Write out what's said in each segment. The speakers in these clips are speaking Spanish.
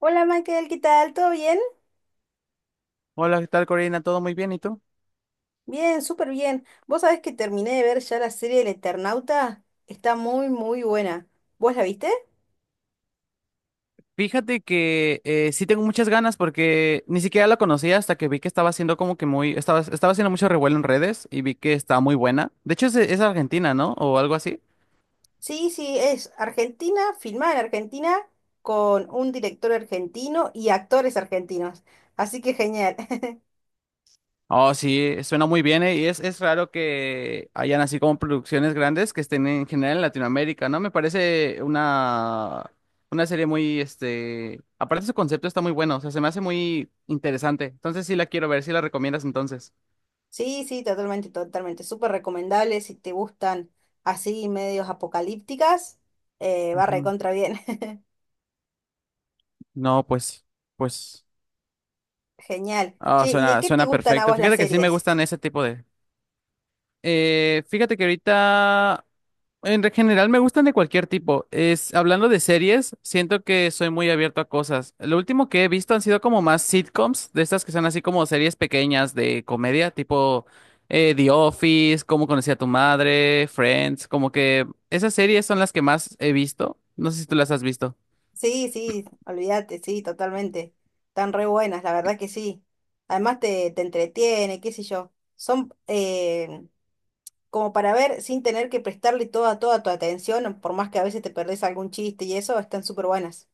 Hola Michael, ¿qué tal? ¿Todo bien? Hola, ¿qué tal, Corina? ¿Todo muy bien? ¿Y tú? Bien, súper bien. Vos sabés que terminé de ver ya la serie El Eternauta. Está muy, muy buena. ¿Vos la viste? Fíjate que sí tengo muchas ganas porque ni siquiera la conocía hasta que vi que estaba haciendo como que muy, estaba haciendo mucho revuelo en redes y vi que estaba muy buena. De hecho, es argentina, ¿no? O algo así. Sí, sí, es Argentina, filmada en Argentina, con un director argentino y actores argentinos. Así que genial. Oh, sí, suena muy bien, y es raro que hayan así como producciones grandes que estén en general en Latinoamérica, ¿no? Una serie muy, este, aparte su concepto está muy bueno, o sea, se me hace muy interesante. Entonces sí la quiero ver, sí la recomiendas entonces. Sí, sí, totalmente, totalmente. Súper recomendable si te gustan así medios apocalípticas. Va recontra bien. No, pues, Genial. ah, Che, ¿y de qué te suena gustan a perfecto. vos las Fíjate que sí me series? gustan ese tipo de. Fíjate que ahorita, general, me gustan de cualquier tipo. Es, hablando de series, siento que soy muy abierto a cosas. Lo último que he visto han sido como más sitcoms, de estas que son así como series pequeñas de comedia, tipo The Office, Cómo conocí a tu madre, Friends, como que esas series son las que más he visto. No sé si tú las has visto. Sí, sí, olvídate, sí, totalmente. Están re buenas, la verdad que sí. Además te entretiene, qué sé yo. Son como para ver sin tener que prestarle toda, toda tu atención, por más que a veces te perdés algún chiste y eso, están súper buenas.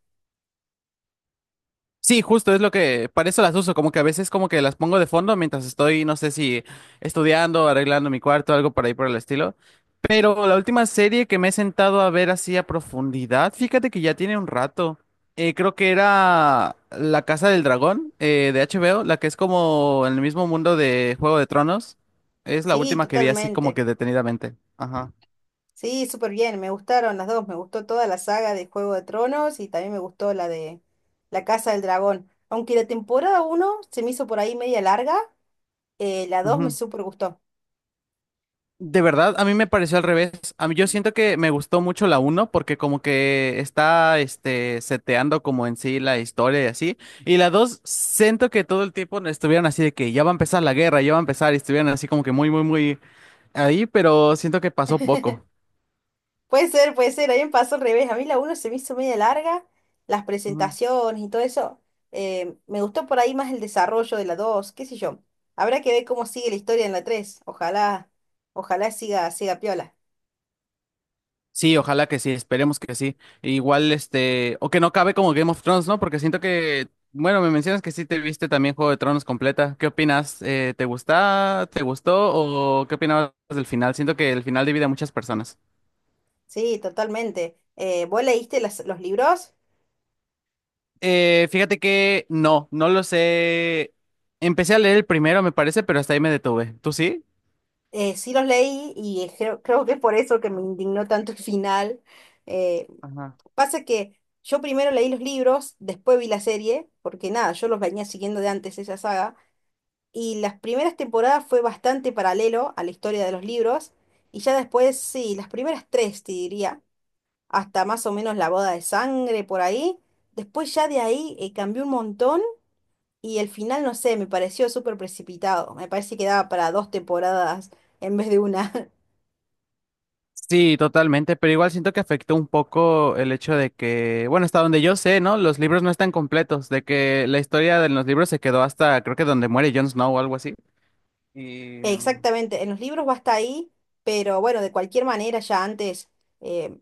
Sí, justo es lo que, para eso las uso, como que a veces como que las pongo de fondo mientras estoy, no sé si estudiando, arreglando mi cuarto, algo por ahí por el estilo. Pero la última serie que me he sentado a ver así a profundidad, fíjate que ya tiene un rato. Creo que era La Casa del Dragón de HBO, la que es como en el mismo mundo de Juego de Tronos. Es la Sí, última que vi así como totalmente. que detenidamente. Ajá. Sí, súper bien, me gustaron las dos. Me gustó toda la saga de Juego de Tronos y también me gustó la de La Casa del Dragón. Aunque la temporada uno se me hizo por ahí media larga, la 2 me súper gustó. De verdad, a mí me pareció al revés. A mí yo siento que me gustó mucho la uno porque como que está este seteando como en sí la historia y así. Y la 2 siento que todo el tiempo no estuvieron así de que ya va a empezar la guerra, ya va a empezar y estuvieron así como que muy muy muy ahí, pero siento que pasó poco. Puede ser, a mí me pasó al revés. A mí la uno se me hizo media larga, las presentaciones y todo eso. Me gustó por ahí más el desarrollo de la 2. Qué sé yo. Habrá que ver cómo sigue la historia en la tres. Ojalá, ojalá siga, siga piola. Sí, ojalá que sí, esperemos que sí. Igual, este, o que no cabe como Game of Thrones, ¿no? Porque siento que, bueno, me mencionas que sí te viste también Juego de Tronos completa. ¿Qué opinas? ¿Te gusta? ¿Te gustó? ¿O qué opinabas del final? Siento que el final divide a muchas personas. Sí, totalmente. ¿Vos leíste los libros? Fíjate que no, no lo sé. Empecé a leer el primero, me parece, pero hasta ahí me detuve. ¿Tú sí? Sí los leí y creo que es por eso que me indignó tanto el final. Eh, Ajá. pasa que yo primero leí los libros, después vi la serie, porque nada, yo los venía siguiendo de antes esa saga, y las primeras temporadas fue bastante paralelo a la historia de los libros, y ya después, sí, las primeras tres, te diría, hasta más o menos la boda de sangre por ahí, después ya de ahí cambió un montón y el final, no sé, me pareció súper precipitado, me parece que daba para dos temporadas en vez de una. Sí, totalmente, pero igual siento que afectó un poco el hecho de que, bueno, hasta donde yo sé, ¿no? Los libros no están completos, de que la historia de los libros se quedó hasta, creo que donde muere Jon Snow o algo así. Y um, Exactamente, en los libros va hasta ahí, pero bueno, de cualquier manera ya antes, eh,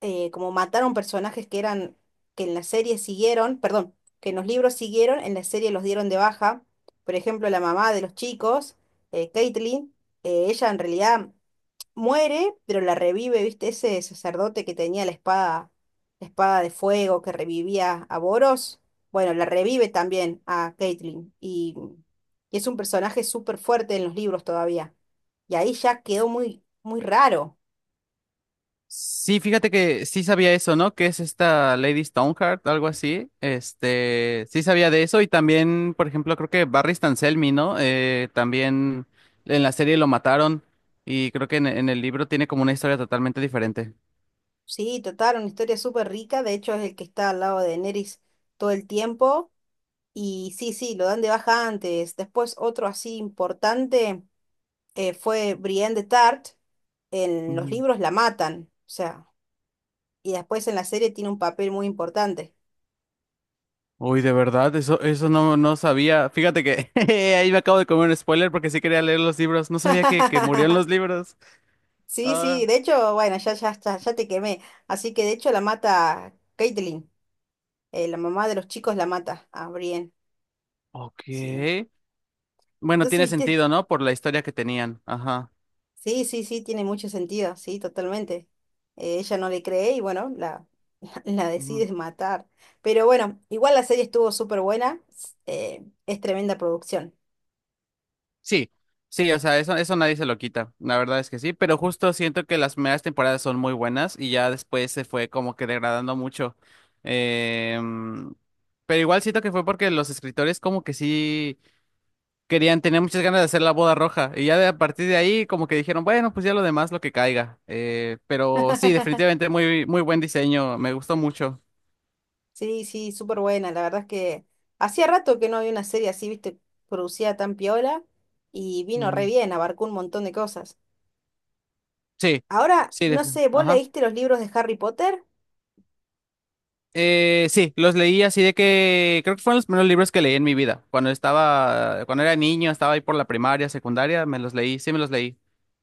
como mataron personajes que eran, que en la serie siguieron, perdón, que en los libros siguieron, en la serie los dieron de baja. Por ejemplo, la mamá de los chicos, Caitlyn, ella en realidad muere, pero la revive, ¿viste? Ese sacerdote que tenía la espada de fuego que revivía a Boros. Bueno, la revive también a Caitlyn y es un personaje súper fuerte en los libros todavía. Y ahí ya quedó muy, muy raro. sí, fíjate que sí sabía eso, ¿no? Que es esta Lady Stoneheart, algo así. Este, sí sabía de eso y también, por ejemplo, creo que Barry Selmy, ¿no? También en la serie lo mataron y creo que en el libro tiene como una historia totalmente diferente. Sí, total, una historia súper rica. De hecho, es el que está al lado de Daenerys todo el tiempo. Y sí, sí, lo dan de baja antes. Después otro así importante fue Brienne de Tart. En los libros la matan. O sea, y después en la serie tiene un papel muy importante. Uy, de verdad, eso no sabía. Fíjate que ahí me acabo de comer un spoiler porque sí quería leer los libros. No sabía que murieron los libros. Sí, sí, Ah, de hecho, bueno, ya, ya, está, ya te quemé. Así que de hecho la mata Caitlyn, la mamá de los chicos la mata a Brienne. Sí. ok. Bueno, Entonces, tiene ¿viste? sentido, ¿no? Por la historia que tenían. Ajá. Sí, sí, sí, tiene mucho sentido, sí, totalmente. Ella no le cree y bueno, la, la Ujú. decide matar. Pero bueno, igual la serie estuvo súper buena, es tremenda producción. Sí, sí, o sea, eso nadie se lo quita. La verdad es que sí, pero justo siento que las primeras temporadas son muy buenas y ya después se fue como que degradando mucho. Em, pero igual siento que fue porque los escritores como que sí. Querían, tenían muchas ganas de hacer la boda roja y ya de, a partir de ahí como que dijeron, bueno, pues ya lo demás lo que caiga. Pero sí, definitivamente muy, muy buen diseño, me gustó mucho. Sí, sí, súper buena. La verdad es que hacía rato que no había una serie así, viste, producida tan piola y vino re Mm, bien, abarcó un montón de cosas. sí, Ahora, no sé, ¿vos ajá. leíste los libros de Harry Potter? Sí, los leí así de que creo que fueron los primeros libros que leí en mi vida. Cuando era niño, estaba ahí por la primaria, secundaria, me los leí, sí me los leí.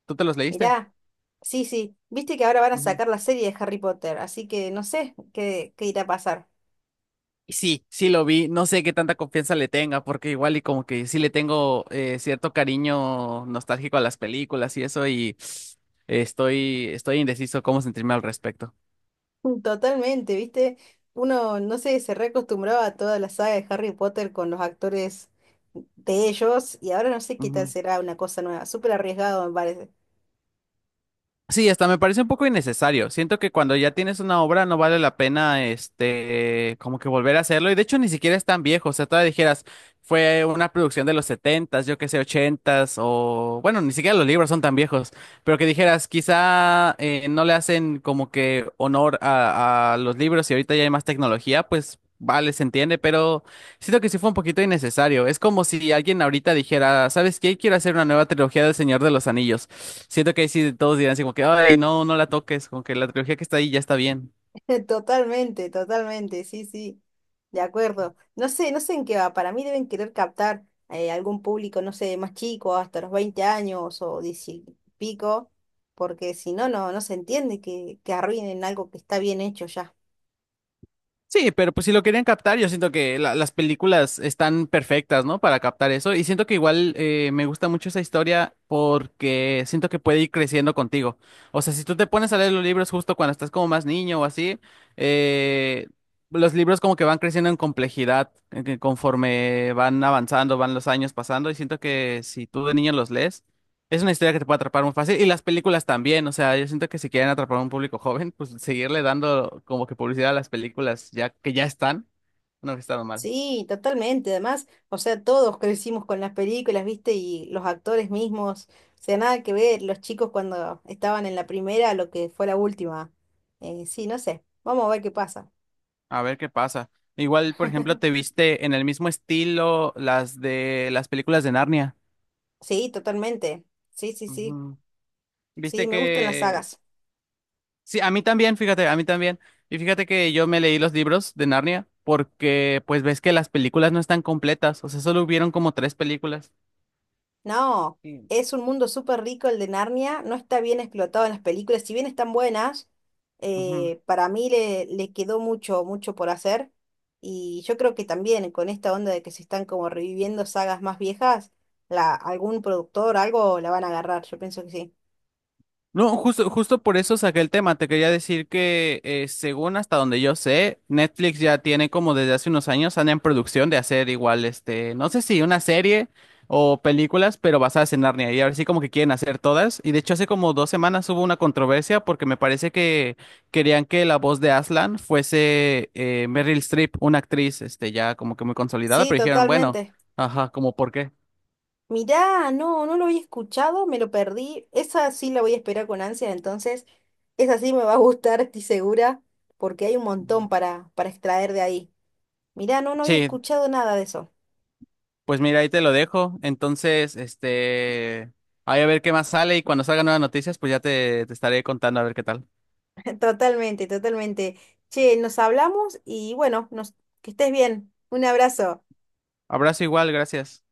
¿Tú te los leíste? Mirá, sí, sí, viste que ahora van a sacar la serie de Harry Potter, así que no sé qué, qué irá a pasar. Sí, sí lo vi. No sé qué tanta confianza le tenga, porque igual y como que sí le tengo cierto cariño nostálgico a las películas y eso, y estoy indeciso cómo sentirme al respecto. Mm, totalmente, viste, uno, no sé, se reacostumbraba a toda la saga de Harry Potter con los actores de ellos y ahora no sé qué tal será una cosa nueva, súper arriesgado me parece. Sí, hasta me parece un poco innecesario. Siento que cuando ya tienes una obra no vale la pena, este, como que volver a hacerlo. Y de hecho ni siquiera es tan viejo. O sea, todavía dijeras, fue una producción de los setentas, yo qué sé, ochentas, o bueno, ni siquiera los libros son tan viejos. Pero que dijeras, quizá no le hacen como que honor a los libros y ahorita ya hay más tecnología, pues vale, se entiende. Pero siento que sí fue un poquito innecesario. Es como si alguien ahorita dijera, ¿sabes qué? Quiero hacer una nueva trilogía del Señor de los Anillos. Siento que ahí sí todos dirán así como que, ay, no la toques, como que la trilogía que está ahí ya está bien. Totalmente, totalmente, sí, sí, de acuerdo. No sé, no sé en qué va, para mí deben querer captar algún público, no sé, más chico, hasta los 20 años o 10 y pico, porque si no, no se entiende que arruinen algo que está bien hecho ya. Sí, pero pues si lo querían captar, yo siento que las películas están perfectas, ¿no? Para captar eso. Y siento que igual me gusta mucho esa historia porque siento que puede ir creciendo contigo. O sea, si tú te pones a leer los libros justo cuando estás como más niño o así, eh, los libros como que van creciendo en complejidad que conforme van avanzando, van los años pasando. Y siento que si tú de niño los lees, es una historia que te puede atrapar muy fácil y las películas también, o sea, yo siento que si quieren atrapar a un público joven, pues seguirle dando como que publicidad a las películas ya que ya están, no que están mal. Sí, totalmente, además, o sea, todos crecimos con las películas, ¿viste? Y los actores mismos, o sea, nada que ver, los chicos cuando estaban en la primera, a lo que fue la última. Sí, no sé, vamos a ver qué pasa. A ver qué pasa. Igual, por ejemplo, te viste en el mismo estilo las de las películas de Narnia. Sí, totalmente. Sí, sí, sí. Ujú. Sí, Viste me gustan las que sagas. sí, a mí también, fíjate, a mí también. Y fíjate que yo me leí los libros de Narnia porque pues ves que las películas no están completas, o sea, solo hubieron como 3 películas. No, Sí. es un mundo súper rico el de Narnia. No está bien explotado en las películas. Si bien están buenas, Ujú. Para mí le quedó mucho, mucho por hacer. Y yo creo que también con esta onda de que se están como reviviendo sagas más viejas, la, algún productor, algo la van a agarrar. Yo pienso que sí. No, justo por eso saqué el tema. Te quería decir que, según hasta donde yo sé, Netflix ya tiene como desde hace unos años, anda en producción de hacer igual, este, no sé si una serie o películas, pero basadas en Narnia. Y ahora sí como que quieren hacer todas. Y de hecho hace como 2 semanas hubo una controversia porque me parece que querían que la voz de Aslan fuese Meryl Streep, una actriz, este, ya como que muy consolidada, Sí, pero dijeron, bueno, totalmente. ajá, como por qué. Mirá, no, no lo había escuchado, me lo perdí. Esa sí la voy a esperar con ansia, entonces esa sí me va a gustar, estoy segura, porque hay un Ujú. montón para extraer de ahí. Mirá, no, no había Sí, escuchado nada de eso. pues mira, ahí te lo dejo. Entonces, este, ahí a ver qué más sale y cuando salgan nuevas noticias, pues ya te estaré contando a ver qué tal. Totalmente, totalmente. Che, nos hablamos y bueno, nos, que estés bien. Un abrazo. Abrazo igual, gracias.